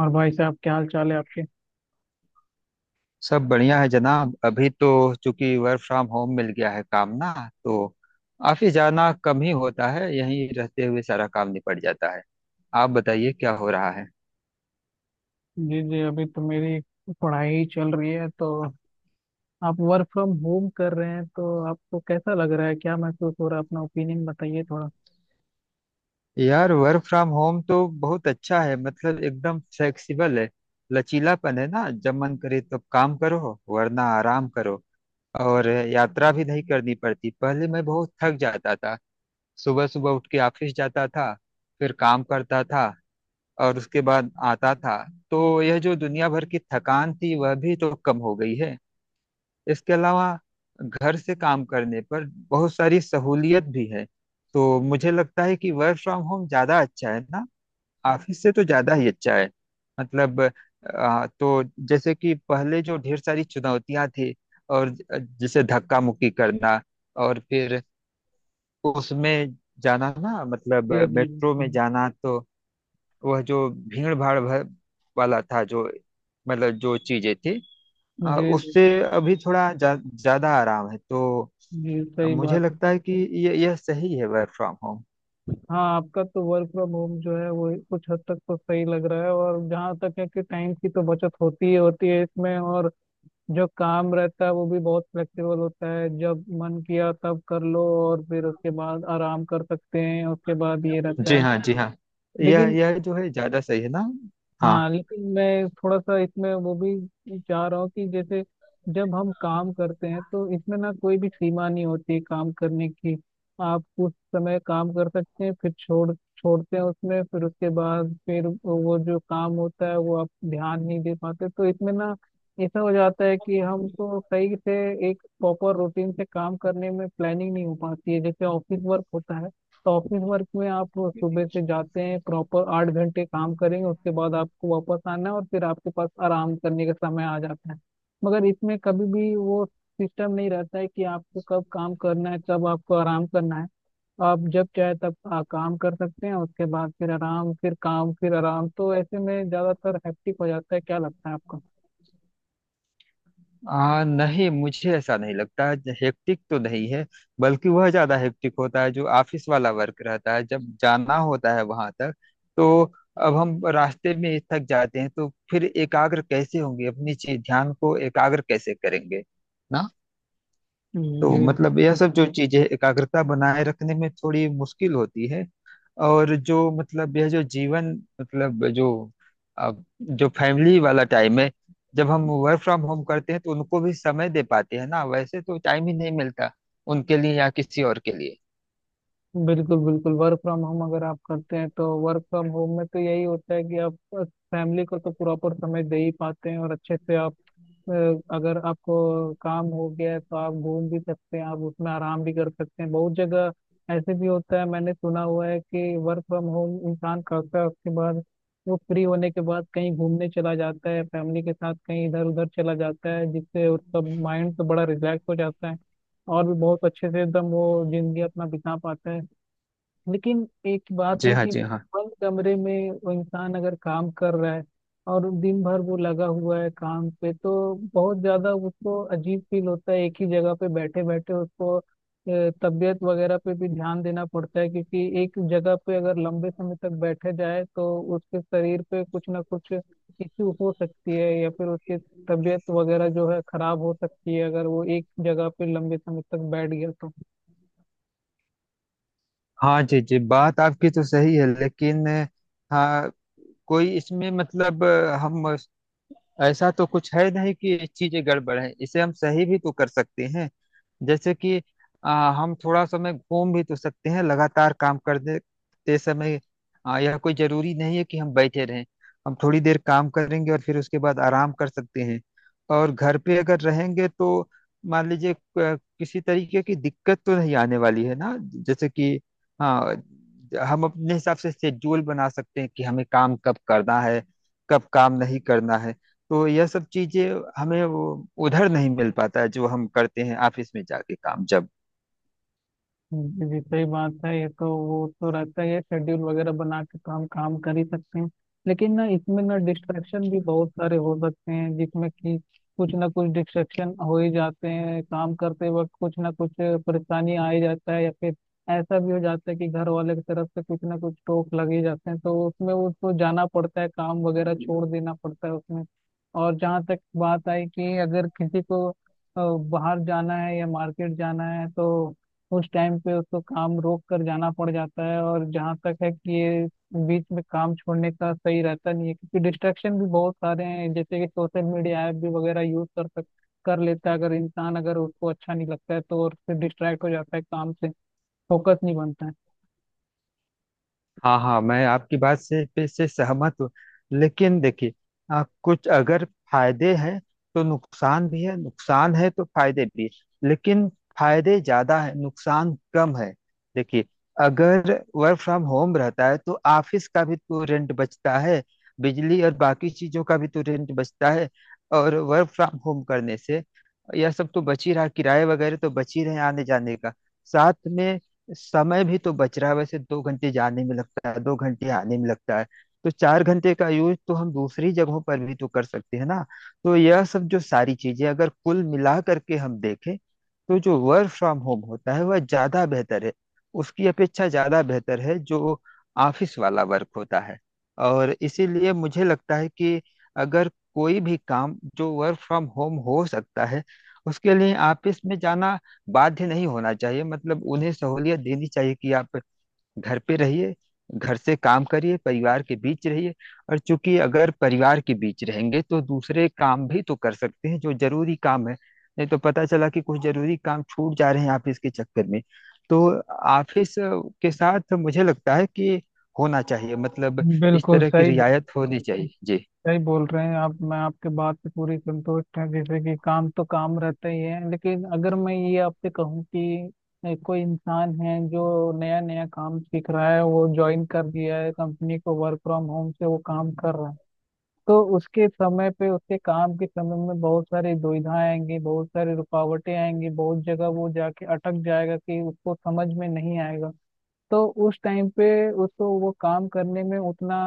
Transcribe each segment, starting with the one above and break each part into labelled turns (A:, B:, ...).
A: और भाई साहब क्या हाल चाल है आपके।
B: सब बढ़िया है जनाब। अभी तो चूंकि वर्क फ्रॉम होम मिल गया है काम ना, तो ऑफिस जाना कम ही होता है, यहीं रहते हुए सारा काम निपट जाता है। आप बताइए क्या हो रहा है।
A: जी जी अभी तो मेरी पढ़ाई ही चल रही है तो आप वर्क फ्रॉम होम कर रहे हैं तो आपको कैसा लग रहा है, क्या महसूस हो रहा है? अपना ओपिनियन बताइए थोड़ा।
B: यार वर्क फ्रॉम होम तो बहुत अच्छा है, मतलब एकदम फ्लेक्सिबल है। लचीलापन है ना, जब मन करे तब काम करो वरना आराम करो। और यात्रा भी नहीं करनी पड़ती, पहले मैं बहुत थक जाता था। सुबह सुबह उठ के ऑफिस जाता था, फिर काम करता था और उसके बाद आता था। तो यह जो दुनिया भर की थकान थी वह भी तो कम हो गई है। इसके अलावा घर से काम करने पर बहुत सारी सहूलियत भी है। तो मुझे लगता है कि वर्क फ्रॉम होम ज्यादा अच्छा है ना, ऑफिस से तो ज्यादा ही अच्छा है। मतलब तो जैसे कि पहले जो ढेर सारी चुनौतियां थी, और जैसे धक्का मुक्की करना और फिर उसमें जाना ना, मतलब
A: जी जी
B: मेट्रो में
A: बिल्कुल।
B: जाना, तो वह जो भीड़ भाड़ भर वाला था, जो मतलब जो चीजें थी,
A: जी जी
B: उससे
A: जी
B: अभी थोड़ा ज्यादा आराम है। तो
A: जी, सही
B: मुझे
A: बात है।
B: लगता है कि ये यह सही है वर्क फ्रॉम होम।
A: हाँ, आपका तो वर्क फ्रॉम होम जो है वो कुछ हद तक तो सही लग रहा है, और जहाँ तक है कि टाइम की तो बचत होती ही होती है इसमें, और जो काम रहता है वो भी बहुत फ्लेक्सिबल होता है। जब मन किया तब कर लो और फिर उसके बाद आराम कर सकते हैं, उसके बाद ये रहता
B: जी
A: है।
B: हाँ, जी हाँ। यह
A: लेकिन
B: यह जो है ज्यादा सही है ना। हाँ।
A: हाँ, लेकिन मैं थोड़ा सा इसमें वो भी चाह रहा हूँ कि जैसे जब हम काम करते हैं तो इसमें ना कोई भी सीमा नहीं होती है काम करने की। आप उस समय काम कर सकते हैं, फिर छोड़ते हैं उसमें, फिर उसके बाद फिर वो जो काम होता है वो आप ध्यान नहीं दे पाते, तो इसमें ना ऐसा हो जाता है कि हमको सही से एक प्रॉपर रूटीन से काम करने में प्लानिंग नहीं हो पाती है, जैसे ऑफिस वर्क होता है। तो ऑफिस वर्क में आप सुबह से जाते हैं, प्रॉपर 8 घंटे काम करेंगे, उसके बाद आपको वापस आना है और फिर आपके पास आराम करने का समय आ जाता है। मगर इसमें कभी भी वो सिस्टम नहीं रहता है कि आपको कब काम करना है, कब आपको आराम करना है। आप जब चाहे तब काम कर सकते हैं, उसके बाद फिर आराम, फिर काम, फिर आराम, तो ऐसे में ज्यादातर हैप्टिक हो जाता है। क्या लगता है आपको?
B: नहीं, मुझे ऐसा नहीं लगता। हेक्टिक तो नहीं है, बल्कि वह ज्यादा हेक्टिक होता है जो ऑफिस वाला वर्क रहता है, जब जाना होता है वहां तक। तो अब हम रास्ते में थक जाते हैं तो फिर एकाग्र कैसे होंगे, अपनी चीज ध्यान को एकाग्र कैसे करेंगे ना। तो
A: जी,
B: मतलब यह सब जो चीजें एकाग्रता बनाए रखने में थोड़ी मुश्किल होती है। और जो मतलब यह जो जीवन मतलब जो अब जो फैमिली वाला टाइम है, जब हम वर्क फ्रॉम होम करते हैं तो उनको भी समय दे पाते हैं ना, वैसे तो टाइम ही नहीं मिलता उनके लिए या किसी और के लिए।
A: बिल्कुल बिल्कुल, वर्क फ्रॉम होम अगर आप करते हैं तो वर्क फ्रॉम होम में तो यही होता है कि आप फैमिली को तो प्रॉपर समय दे ही पाते हैं, और अच्छे से आप अ, अगर आपको काम हो गया है तो आप घूम भी सकते हैं, आप उसमें आराम भी कर सकते हैं। बहुत जगह ऐसे भी होता है, मैंने सुना हुआ है कि वर्क फ्रॉम होम इंसान करता है, उसके बाद वो फ्री होने के बाद कहीं घूमने चला जाता है फैमिली के साथ, कहीं इधर उधर चला जाता है, जिससे उसका माइंड तो बड़ा रिलैक्स हो जाता है और भी बहुत अच्छे से एकदम वो जिंदगी अपना बिता पाता है। लेकिन एक बात
B: जी
A: है
B: हाँ,
A: कि
B: जी हाँ।
A: बंद कमरे में वो इंसान अगर काम कर रहा है और दिन भर वो लगा हुआ है काम पे, तो बहुत ज्यादा उसको अजीब फील होता है। एक ही जगह पे बैठे बैठे उसको तबीयत वगैरह पे भी ध्यान देना पड़ता है, क्योंकि एक जगह पे अगर लंबे समय तक बैठे जाए तो उसके शरीर पे कुछ ना कुछ इश्यू हो सकती है, या फिर उसकी तबीयत वगैरह जो है खराब हो सकती है अगर वो एक जगह पे लंबे समय तक बैठ गया तो।
B: हाँ जी जी, बात आपकी तो सही है, लेकिन हाँ कोई इसमें मतलब हम, ऐसा तो कुछ है नहीं कि ये चीजें गड़बड़ है, इसे हम सही भी तो कर सकते हैं। जैसे कि हम थोड़ा समय घूम भी तो सकते हैं लगातार काम करते समय। यह कोई जरूरी नहीं है कि हम बैठे रहें। हम थोड़ी देर काम करेंगे और फिर उसके बाद आराम कर सकते हैं। और घर पे अगर रहेंगे तो मान लीजिए किसी तरीके की दिक्कत तो नहीं आने वाली है ना। जैसे कि हाँ, हम अपने हिसाब से शेड्यूल बना सकते हैं कि हमें काम कब करना है, कब काम नहीं करना है। तो यह सब चीजें हमें वो उधर नहीं मिल पाता है जो हम करते हैं ऑफिस में जाके काम जब।
A: जी जी, सही बात है, ये तो वो तो रहता ही है, शेड्यूल वगैरह बना के तो हम काम कर ही सकते हैं। लेकिन ना इसमें ना डिस्ट्रैक्शन भी बहुत सारे हो सकते हैं, जिसमें कि कुछ ना कुछ डिस्ट्रैक्शन हो ही जाते हैं काम करते वक्त, कुछ ना कुछ परेशानी आ ही जाता है, या फिर ऐसा भी हो जाता है कि घर वाले की तरफ से कुछ ना कुछ टोक लग ही जाते हैं, तो उसमें उसको जाना पड़ता है, काम वगैरह छोड़ देना पड़ता है उसमें। और जहाँ तक बात आई कि अगर किसी को बाहर जाना है या मार्केट जाना है, तो उस टाइम पे उसको काम रोक कर जाना पड़ जाता है। और जहाँ तक है कि ये बीच में काम छोड़ने का सही रहता नहीं है, क्योंकि डिस्ट्रैक्शन भी बहुत सारे हैं, जैसे कि सोशल मीडिया ऐप भी वगैरह यूज कर लेता है अगर इंसान, अगर उसको अच्छा नहीं लगता है तो, और फिर डिस्ट्रैक्ट हो जाता है काम से, फोकस नहीं बनता है।
B: हाँ हाँ, मैं आपकी बात से पे से सहमत हूँ। लेकिन देखिए, कुछ अगर फायदे हैं तो नुकसान भी है, नुकसान है तो फायदे भी है, लेकिन फायदे ज्यादा है नुकसान कम है। देखिए, अगर वर्क फ्रॉम होम रहता है तो ऑफिस का भी तो रेंट बचता है, बिजली और बाकी चीजों का भी तो रेंट बचता है। और वर्क फ्रॉम होम करने से यह सब तो बच ही रहा, किराए वगैरह तो बच ही रहे, आने जाने का साथ में समय भी तो बच रहा है। वैसे दो घंटे जाने में लगता है, दो घंटे आने में लगता है, तो चार घंटे का यूज तो हम दूसरी जगहों पर भी तो कर सकते हैं ना। तो यह सब जो सारी चीजें अगर कुल मिला करके हम देखें, तो जो वर्क फ्रॉम होम होता है वह ज्यादा बेहतर है, उसकी अपेक्षा ज्यादा बेहतर है जो ऑफिस वाला वर्क होता है। और इसीलिए मुझे लगता है कि अगर कोई भी काम जो वर्क फ्रॉम होम हो सकता है उसके लिए ऑफिस में जाना बाध्य नहीं होना चाहिए, मतलब उन्हें सहूलियत देनी चाहिए कि आप घर पे रहिए, घर से काम करिए, परिवार के बीच रहिए। और चूंकि अगर परिवार के बीच रहेंगे तो दूसरे काम भी तो कर सकते हैं जो जरूरी काम है। नहीं तो पता चला कि कुछ जरूरी काम छूट जा रहे हैं ऑफिस के चक्कर में। तो ऑफिस के साथ मुझे लगता है कि होना चाहिए, मतलब इस
A: बिल्कुल
B: तरह की
A: सही बोला,
B: रियायत होनी चाहिए जी।
A: सही बोल रहे हैं आप, मैं आपके बात से पूरी संतुष्ट है। जैसे कि काम तो काम रहता ही है, लेकिन अगर मैं ये आपसे कहूँ कि कोई इंसान है जो नया नया काम सीख रहा है, वो ज्वाइन कर दिया है कंपनी को, वर्क फ्रॉम होम से वो काम कर रहा है, तो उसके समय पे उसके काम के समय में बहुत सारी दुविधाएं आएंगी, बहुत सारी रुकावटें आएंगी, बहुत जगह वो जाके अटक जाएगा कि उसको समझ में नहीं आएगा। तो उस टाइम पे उसको वो काम करने में उतना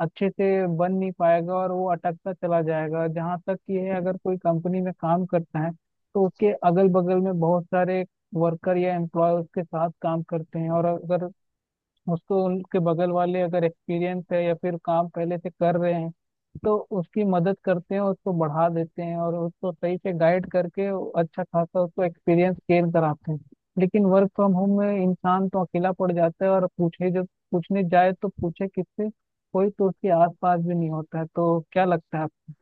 A: अच्छे से बन नहीं पाएगा और वो अटकता चला जाएगा। जहाँ तक कि है, अगर कोई कंपनी में काम करता है तो उसके अगल बगल में बहुत सारे वर्कर या एम्प्लॉय उसके साथ काम करते हैं, और अगर उसको उनके बगल वाले अगर एक्सपीरियंस है या फिर काम पहले से कर रहे हैं तो उसकी मदद करते हैं, उसको बढ़ा देते हैं और उसको सही से गाइड करके अच्छा खासा उसको एक्सपीरियंस गेन कराते हैं। लेकिन वर्क फ्रॉम होम में इंसान तो अकेला पड़ जाता है, और पूछे जब पूछने जाए तो पूछे किससे, कोई तो उसके आसपास भी नहीं होता है। तो क्या लगता है आपको?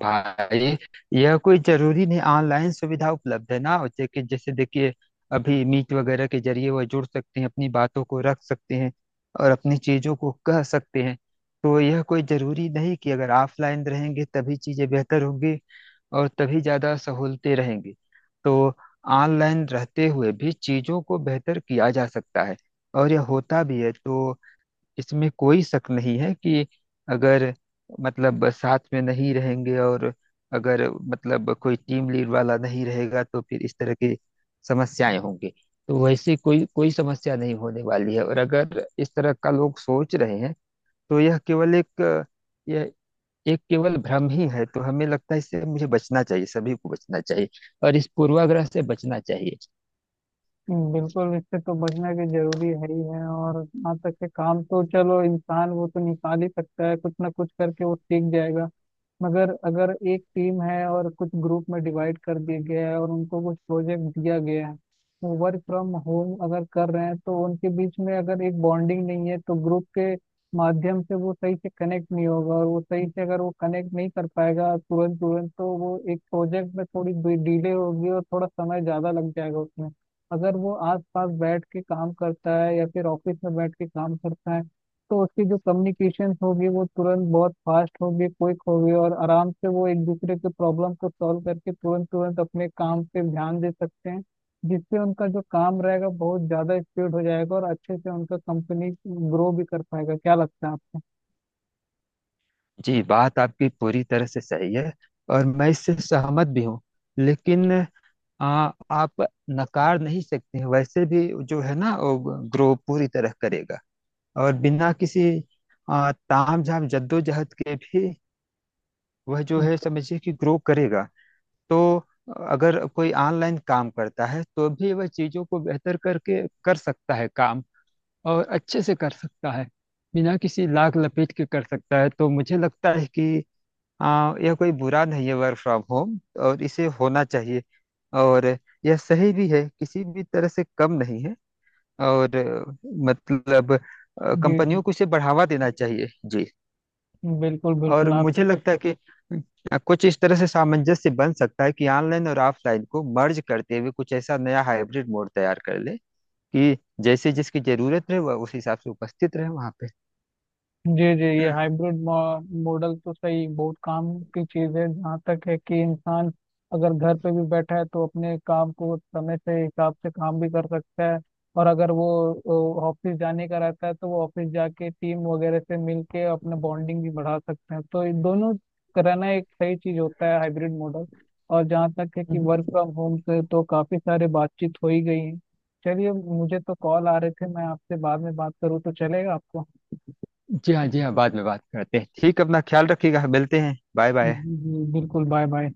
B: भाई, यह कोई जरूरी नहीं, ऑनलाइन सुविधा उपलब्ध है ना, और जैसे कि जैसे देखिए अभी मीट वगैरह के जरिए वह जुड़ सकते हैं, अपनी बातों को रख सकते हैं और अपनी चीजों को कह सकते हैं। तो यह कोई जरूरी नहीं कि अगर ऑफलाइन रहेंगे तभी चीजें बेहतर होंगी और तभी ज्यादा सहूलतें रहेंगी। तो ऑनलाइन रहते हुए भी चीजों को बेहतर किया जा सकता है, और यह होता भी है। तो इसमें कोई शक नहीं है कि अगर मतलब साथ में नहीं रहेंगे और अगर मतलब कोई टीम लीड वाला नहीं रहेगा तो फिर इस तरह की समस्याएं होंगी। तो वैसे कोई कोई समस्या नहीं होने वाली है, और अगर इस तरह का लोग सोच रहे हैं तो यह केवल एक, यह एक केवल भ्रम ही है। तो हमें लगता है इससे मुझे बचना चाहिए, सभी को बचना चाहिए और इस पूर्वाग्रह से बचना चाहिए।
A: बिल्कुल, इससे तो बचना भी जरूरी है ही है। और यहाँ तक के काम, तो चलो इंसान वो तो निकाल ही सकता है, कुछ ना कुछ करके वो सीख जाएगा। मगर अगर एक टीम है और कुछ ग्रुप में डिवाइड कर दिया गया है और उनको कुछ प्रोजेक्ट दिया गया है, वो वर्क फ्रॉम होम अगर कर रहे हैं तो उनके बीच में अगर एक बॉन्डिंग नहीं है तो ग्रुप के माध्यम से वो सही से कनेक्ट नहीं होगा, और वो सही से अगर वो कनेक्ट नहीं कर पाएगा तुरंत तुरंत, तो वो एक प्रोजेक्ट में थोड़ी डिले होगी और थोड़ा समय ज़्यादा लग जाएगा उसमें। अगर वो आस पास बैठ के काम करता है या फिर ऑफिस में बैठ के काम करता है तो उसकी जो कम्युनिकेशन होगी वो तुरंत बहुत फास्ट होगी, क्विक होगी, और आराम से वो एक दूसरे के प्रॉब्लम को सॉल्व करके तुरंत तुरंत अपने काम पे ध्यान दे सकते हैं, जिससे उनका जो काम रहेगा बहुत ज्यादा स्पीड हो जाएगा और अच्छे से उनका कंपनी ग्रो भी कर पाएगा। क्या लगता है आपको?
B: जी, बात आपकी पूरी तरह से सही है और मैं इससे सहमत भी हूँ। लेकिन आप नकार नहीं सकते हैं, वैसे भी जो है ना वो ग्रो पूरी तरह करेगा। और बिना किसी तामझाम जद्दोजहद के भी वह जो है, समझिए कि ग्रो करेगा। तो अगर कोई ऑनलाइन काम करता है तो भी वह चीजों को बेहतर करके कर सकता है काम, और अच्छे से कर सकता है, बिना किसी
A: जी।
B: लाग लपेट के कर सकता है। तो मुझे लगता है कि यह कोई बुरा नहीं है वर्क फ्रॉम होम, और इसे होना चाहिए। और यह सही भी है, किसी भी तरह से कम नहीं है। और मतलब
A: जी जी,
B: कंपनियों को इसे बढ़ावा देना चाहिए जी।
A: बिल्कुल बिल्कुल
B: और
A: आप।
B: मुझे लगता है कि कुछ इस तरह से सामंजस्य बन सकता है कि ऑनलाइन और ऑफलाइन को मर्ज करते हुए कुछ ऐसा नया हाइब्रिड मोड तैयार कर ले कि जैसे जिसकी जरूरत रहे वह उस हिसाब से उपस्थित रहे वहां पे।
A: जी जी, ये हाइब्रिड मॉडल तो सही बहुत काम की चीज है। जहाँ तक है कि इंसान अगर घर पे भी बैठा है तो अपने काम को समय से हिसाब से काम भी कर सकता है, और अगर वो ऑफिस जाने का रहता है तो वो ऑफिस जाके टीम वगैरह से मिलके अपना बॉन्डिंग भी बढ़ा सकते हैं। तो ये दोनों कराना एक सही चीज होता है, हाइब्रिड मॉडल। और जहाँ तक है कि वर्क फ्रॉम होम से तो काफी सारे बातचीत हो ही गई है। चलिए, मुझे तो कॉल आ रहे थे, मैं आपसे बाद में बात करूँ तो चलेगा आपको?
B: जी हाँ, जी हाँ, बाद में बात करते हैं, ठीक, अपना ख्याल रखिएगा, मिलते हैं, बाय बाय।
A: जी, जी, बिल्कुल, बाय बाय।